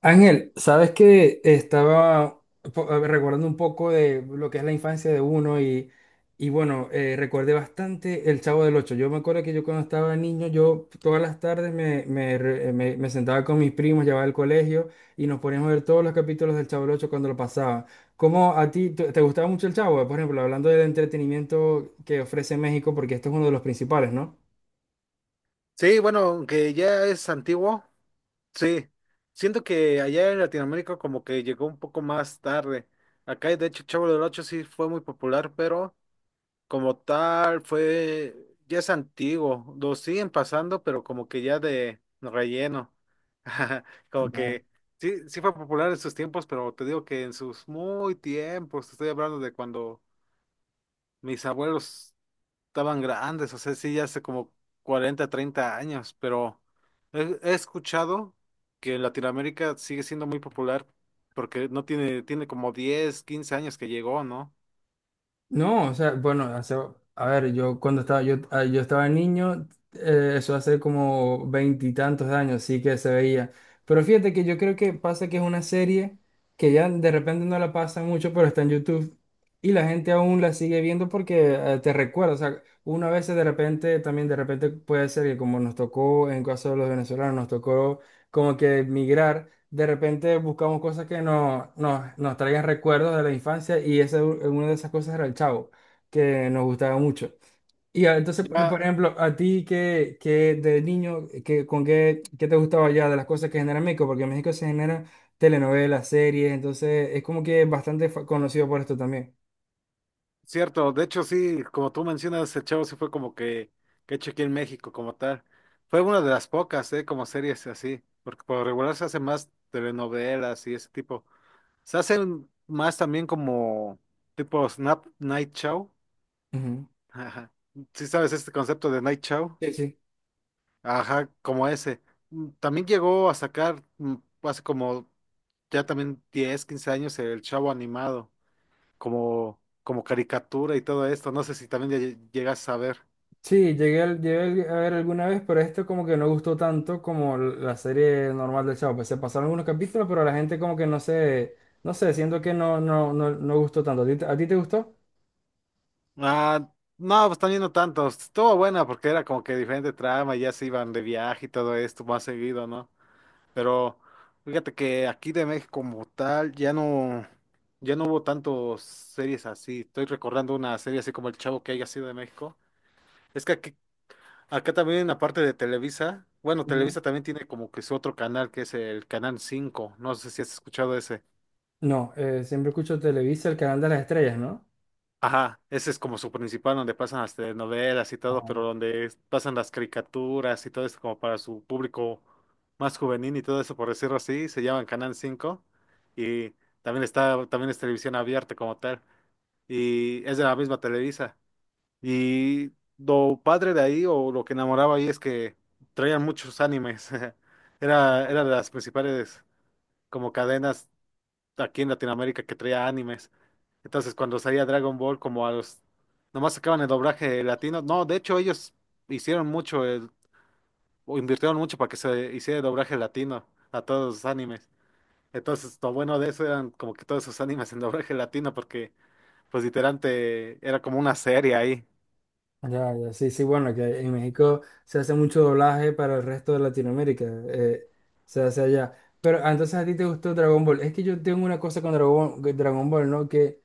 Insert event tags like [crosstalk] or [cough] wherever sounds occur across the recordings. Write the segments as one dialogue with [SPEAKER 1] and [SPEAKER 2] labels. [SPEAKER 1] Ángel, sabes que estaba recordando un poco de lo que es la infancia de uno y bueno, recordé bastante El Chavo del Ocho. Yo me acuerdo que yo cuando estaba niño, yo todas las tardes me sentaba con mis primos, llevaba al colegio y nos poníamos a ver todos los capítulos del Chavo del Ocho cuando lo pasaba. ¿Cómo a ti te gustaba mucho el Chavo? Por ejemplo, hablando del entretenimiento que ofrece México, porque esto es uno de los principales, ¿no?
[SPEAKER 2] Sí, bueno, aunque ya es antiguo, sí. Siento que allá en Latinoamérica como que llegó un poco más tarde. Acá, de hecho, Chavo del Ocho sí fue muy popular, pero como tal fue, ya es antiguo. Lo siguen pasando, pero como que ya de relleno. [laughs] Como que sí, sí fue popular en sus tiempos, pero te digo que en sus muy tiempos, te estoy hablando de cuando mis abuelos estaban grandes, o sea, sí, ya hace como 40 30 años, pero he escuchado que en Latinoamérica sigue siendo muy popular porque no tiene, tiene como 10 15 años que llegó, ¿no?
[SPEAKER 1] No, o sea, bueno, a ver, yo cuando estaba, yo estaba niño, eso hace como veintitantos años, sí que se veía. Pero fíjate que yo creo que pasa que es una serie que ya de repente no la pasa mucho, pero está en YouTube y la gente aún la sigue viendo porque te recuerda, o sea, una vez de repente, también de repente puede ser que como nos tocó, en caso de los venezolanos, nos tocó como que emigrar. De repente buscamos cosas que nos traigan recuerdos de la infancia y esa, una de esas cosas era el Chavo, que nos gustaba mucho. Y entonces, por
[SPEAKER 2] Ya,
[SPEAKER 1] ejemplo, a ti que de niño, que, qué te gustaba ya de las cosas que genera México, porque en México se generan telenovelas, series, entonces es como que bastante conocido por esto también.
[SPEAKER 2] cierto, de hecho sí, como tú mencionas, el Chavo sí fue como que hecho aquí en México como tal. Fue una de las pocas, ¿eh? Como series así, porque por lo regular se hacen más telenovelas y ese tipo. Se hacen más también como tipo Snap Night Show.
[SPEAKER 1] Ujú.
[SPEAKER 2] Ajá. Sí sabes este concepto de Night Show.
[SPEAKER 1] Sí, sí.
[SPEAKER 2] Ajá, como ese. También llegó a sacar hace como ya también 10, 15 años el Chavo animado, como, como caricatura y todo esto. No sé si también ya llegas a ver.
[SPEAKER 1] Sí, llegué a ver alguna vez, pero esto como que no gustó tanto como la serie normal del Chavo. Pues se pasaron algunos capítulos, pero la gente como que no sé, no sé, siento que no gustó tanto. A ti te gustó?
[SPEAKER 2] Ah, no, pues también no tanto. Estuvo buena porque era como que diferente trama, ya se iban de viaje y todo esto más seguido, ¿no? Pero fíjate que aquí de México como tal ya no, ya no hubo tantos series así. Estoy recordando una serie así como El Chavo que haya sido de México. Es que aquí, acá también aparte de Televisa, bueno,
[SPEAKER 1] Ujú.
[SPEAKER 2] Televisa también tiene como que su otro canal que es el Canal cinco. No sé si has escuchado ese.
[SPEAKER 1] No, siempre escucho Televisa, el canal de las estrellas, ¿no?
[SPEAKER 2] Ajá, ese es como su principal donde pasan las telenovelas y todo,
[SPEAKER 1] Ah,
[SPEAKER 2] pero donde pasan las caricaturas y todo eso como para su público más juvenil y todo eso, por decirlo así, se llaman Canal Cinco y también está, también es televisión abierta como tal y es de la misma Televisa. Y lo padre de ahí o lo que enamoraba ahí es que traían muchos animes. [laughs] Era,
[SPEAKER 1] no.
[SPEAKER 2] era de las principales como cadenas aquí en Latinoamérica que traía animes. Entonces, cuando salía Dragon Ball, nomás sacaban el doblaje latino. No, de hecho, ellos hicieron mucho, o invirtieron mucho para que se hiciera el doblaje latino a todos los animes. Entonces, lo bueno de eso eran como que todos sus animes en doblaje latino, porque, pues, literalmente era como una serie ahí.
[SPEAKER 1] Ya, ya, sí, sí, bueno, que en México se hace mucho doblaje para el resto de Latinoamérica, se hace allá. Pero entonces a ti te gustó Dragon Ball. Es que yo tengo una cosa con Dragon Ball, ¿no? Que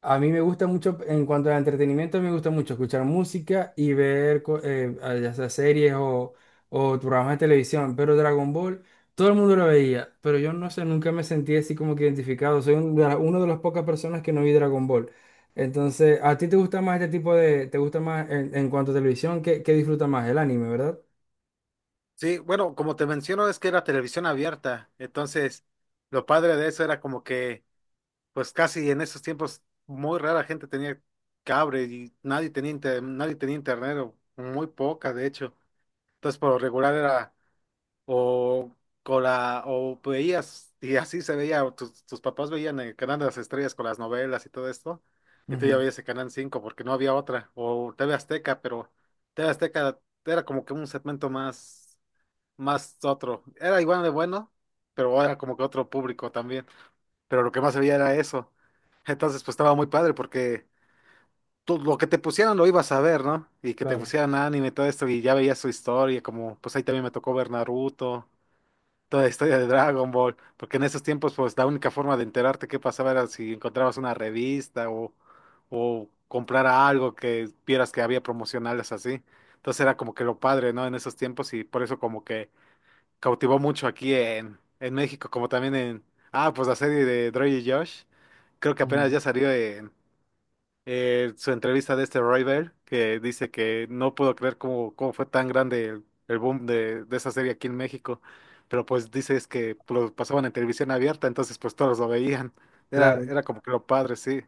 [SPEAKER 1] a mí me gusta mucho, en cuanto al entretenimiento, me gusta mucho escuchar música y ver ya sea series o programas de televisión. Pero Dragon Ball, todo el mundo lo veía, pero yo no sé, nunca me sentí así como que identificado. Soy una de las pocas personas que no vi Dragon Ball. Entonces, ¿a ti te gusta más este tipo de, te gusta más en cuanto a televisión, qué disfrutas más? El anime, ¿verdad?
[SPEAKER 2] Sí, bueno, como te menciono, es que era televisión abierta. Entonces, lo padre de eso era como que pues casi en esos tiempos muy rara gente tenía cable y nadie tenía nadie tenía internet o muy poca de hecho. Entonces por lo regular era o con la o veías y así se veía, o tus papás veían el canal de las estrellas con las novelas y todo esto, y tú ya
[SPEAKER 1] Ujú,
[SPEAKER 2] veías el canal cinco porque no había otra, o TV Azteca, pero TV Azteca era como que un segmento más, más otro, era igual de bueno, pero era como que otro público también, pero lo que más veía era eso. Entonces, pues estaba muy padre porque tú lo que te pusieran lo ibas a ver, ¿no? Y que te
[SPEAKER 1] claro.
[SPEAKER 2] pusieran anime y todo esto y ya veías su historia, como pues ahí también me tocó ver Naruto, toda la historia de Dragon Ball, porque en esos tiempos pues la única forma de enterarte qué pasaba era si encontrabas una revista o comprar algo que vieras que había promocionales así. Entonces era como que lo padre, ¿no? En esos tiempos y por eso como que cautivó mucho aquí en México, como también en, pues la serie de Dre y Josh. Creo que apenas
[SPEAKER 1] Ujú,
[SPEAKER 2] ya salió en su entrevista de este Roy Bell, que dice que no pudo creer cómo fue tan grande el boom de esa serie aquí en México. Pero pues dice es que lo pasaban en televisión abierta, entonces pues todos lo veían. Era,
[SPEAKER 1] claro.
[SPEAKER 2] era como que lo padre, sí.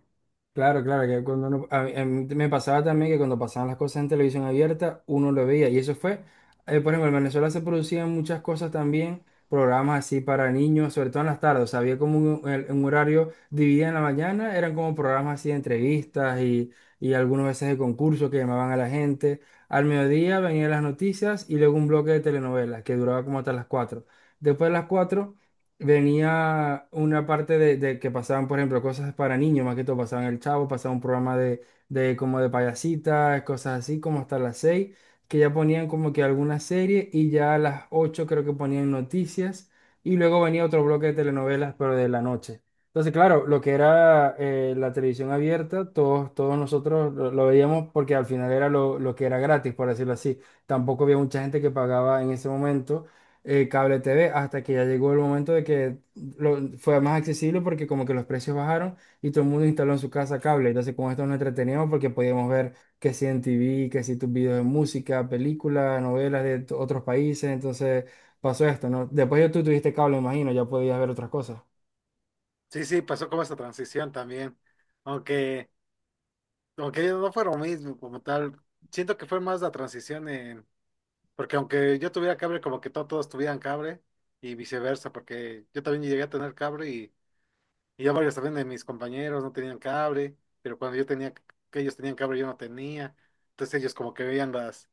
[SPEAKER 1] Claro, que cuando a mí me pasaba también que cuando pasaban las cosas en televisión abierta, uno lo veía. Y eso fue, por ejemplo, en Venezuela se producían muchas cosas también, programas así para niños, sobre todo en las tardes. O sea, había como un horario dividido en la mañana, eran como programas así de entrevistas y algunas veces de concursos que llamaban a la gente. Al mediodía venían las noticias y luego un bloque de telenovelas que duraba como hasta las cuatro. Después de las 4 venía una parte de que pasaban, por ejemplo, cosas para niños, más que todo pasaban El Chavo, pasaba un programa de como de payasitas, cosas así, como hasta las seis, que ya ponían como que alguna serie y ya a las ocho creo que ponían noticias y luego venía otro bloque de telenovelas, pero de la noche. Entonces, claro, lo que era la televisión abierta, todos nosotros lo veíamos porque al final era lo que era gratis, por decirlo así. Tampoco había mucha gente que pagaba en ese momento cable T V hasta que ya llegó el momento de que fue más accesible porque como que los precios bajaron y todo el mundo instaló en su casa cable. Entonces con esto nos entreteníamos porque podíamos ver que si en T V, que si tus videos de música, películas, novelas de otros países. Entonces pasó esto, ¿no? Después ya tú tuviste cable, imagino, ya podías ver otras cosas.
[SPEAKER 2] Sí, sí, pasó como esa transición también. Aunque, aunque no fue lo mismo como tal. Siento que fue más la transición, porque aunque yo tuviera cable, como que todos tuvieran cable y viceversa, porque yo también llegué a tener cable y ya varios también de mis compañeros no tenían cable, pero cuando yo tenía, que ellos tenían cable, yo no tenía. Entonces ellos como que veían las,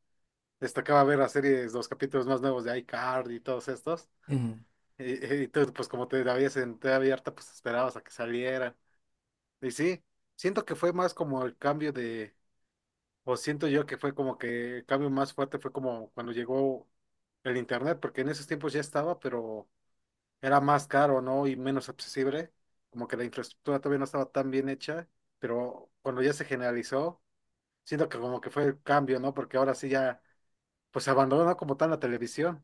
[SPEAKER 2] les tocaba ver las series, los capítulos más nuevos de iCarly y todos estos. Y tú, pues como te la veías en TV abierta, pues esperabas a que salieran. Y sí, siento que fue más como el cambio de, o siento yo que fue como que el cambio más fuerte fue como cuando llegó el internet, porque en esos tiempos ya estaba, pero era más caro, ¿no? Y menos accesible, como que la infraestructura todavía no estaba tan bien hecha, pero cuando ya se generalizó, siento que como que fue el cambio, ¿no? Porque ahora sí ya, pues se abandonó como tal la televisión.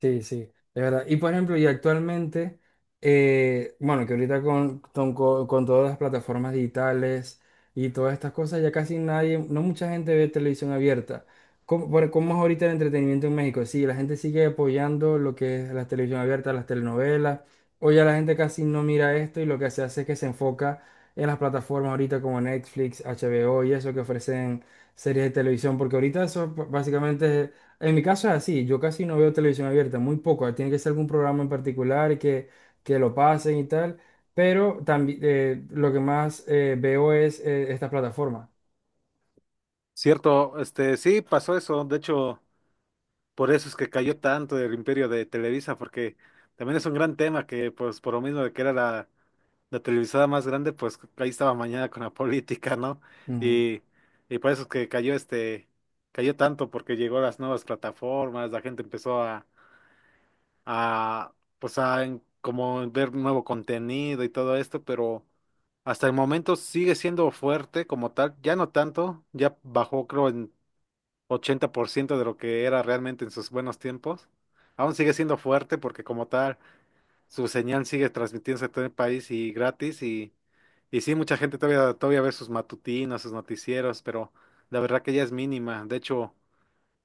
[SPEAKER 1] Sí, sí, de verdad. Y por ejemplo, y actualmente, bueno, que ahorita con todas las plataformas digitales y todas estas cosas, ya casi nadie, no mucha gente ve televisión abierta. ¿Cómo, cómo es ahorita el entretenimiento en México? Sí, la gente sigue apoyando lo que es la televisión abierta, las telenovelas, o ya la gente casi no mira esto y lo que se hace es que se enfoca en las plataformas ahorita como Netflix, HBO y eso que ofrecen series de televisión, porque ahorita eso básicamente es, en mi caso es así, yo casi no veo televisión abierta, muy poco, tiene que ser algún programa en particular que lo pasen y tal, pero también lo que más veo es esta plataforma.
[SPEAKER 2] Cierto, este, sí pasó eso, de hecho, por eso es que cayó tanto el imperio de Televisa, porque también es un gran tema que, pues, por lo mismo de que era la televisada más grande, pues ahí estaba mañana con la [laughs] política, ¿no?
[SPEAKER 1] Ujú,
[SPEAKER 2] Y, y por eso es que cayó este, cayó tanto, porque llegó las nuevas plataformas, la gente empezó a pues a como ver nuevo contenido y todo esto, pero hasta el momento sigue siendo fuerte como tal, ya no tanto, ya bajó creo en 80% de lo que era realmente en sus buenos tiempos. Aún sigue siendo fuerte porque como tal su señal sigue transmitiéndose a todo el país y gratis y sí, mucha gente todavía ve sus matutinos, sus noticieros, pero la verdad que ya es mínima. De hecho,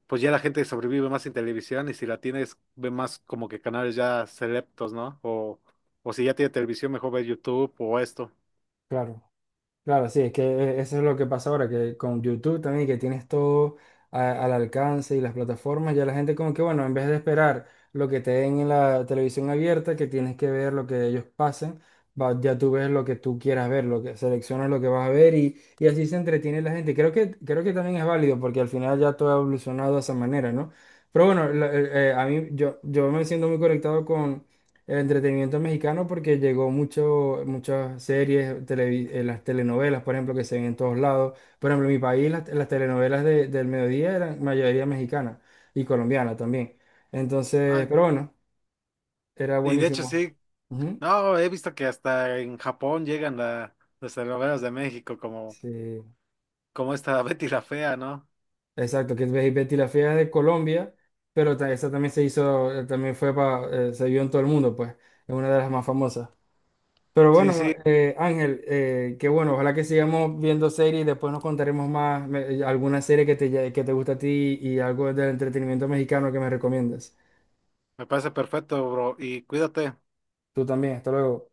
[SPEAKER 2] pues ya la gente sobrevive más en televisión y si la tienes, ve más como que canales ya selectos, ¿no? O si ya tiene televisión, mejor ve YouTube o esto.
[SPEAKER 1] claro. Claro, sí, es que eso es lo que pasa ahora, que con YouTube también, que tienes todo al alcance y las plataformas, ya la gente como que, bueno, en vez de esperar lo que te den en la televisión abierta, que tienes que ver lo que ellos pasen, ya tú ves lo que tú quieras ver, lo que seleccionas lo que vas a ver y así se entretiene la gente. Creo que también es válido porque al final ya todo ha evolucionado de esa manera, ¿no? Pero bueno, a mí yo me siento muy conectado el entretenimiento mexicano porque llegó mucho, muchas series, las telenovelas, por ejemplo, que se ven en todos lados. Por ejemplo, en mi país las telenovelas del mediodía eran mayoría mexicana y colombiana también. Entonces,
[SPEAKER 2] Ah,
[SPEAKER 1] pero bueno, era
[SPEAKER 2] y de hecho
[SPEAKER 1] buenísimo.
[SPEAKER 2] sí,
[SPEAKER 1] Ujú.
[SPEAKER 2] no, he visto que hasta en Japón llegan las telenovelas de México como,
[SPEAKER 1] Sí,
[SPEAKER 2] como esta [laughs] Betty la Fea, ¿no?
[SPEAKER 1] exacto, que ves Betty la Fea es de Colombia, pero esa también se hizo, también fue para, se vio en todo el mundo, pues, es una de las más famosas. Pero
[SPEAKER 2] Sí,
[SPEAKER 1] bueno,
[SPEAKER 2] sí,
[SPEAKER 1] Ángel, que bueno, ojalá que sigamos viendo series y después nos contaremos más alguna serie que te gusta a ti y algo del entretenimiento mexicano que me recomiendas.
[SPEAKER 2] me parece perfecto, bro, y cuídate.
[SPEAKER 1] Tú también, hasta luego.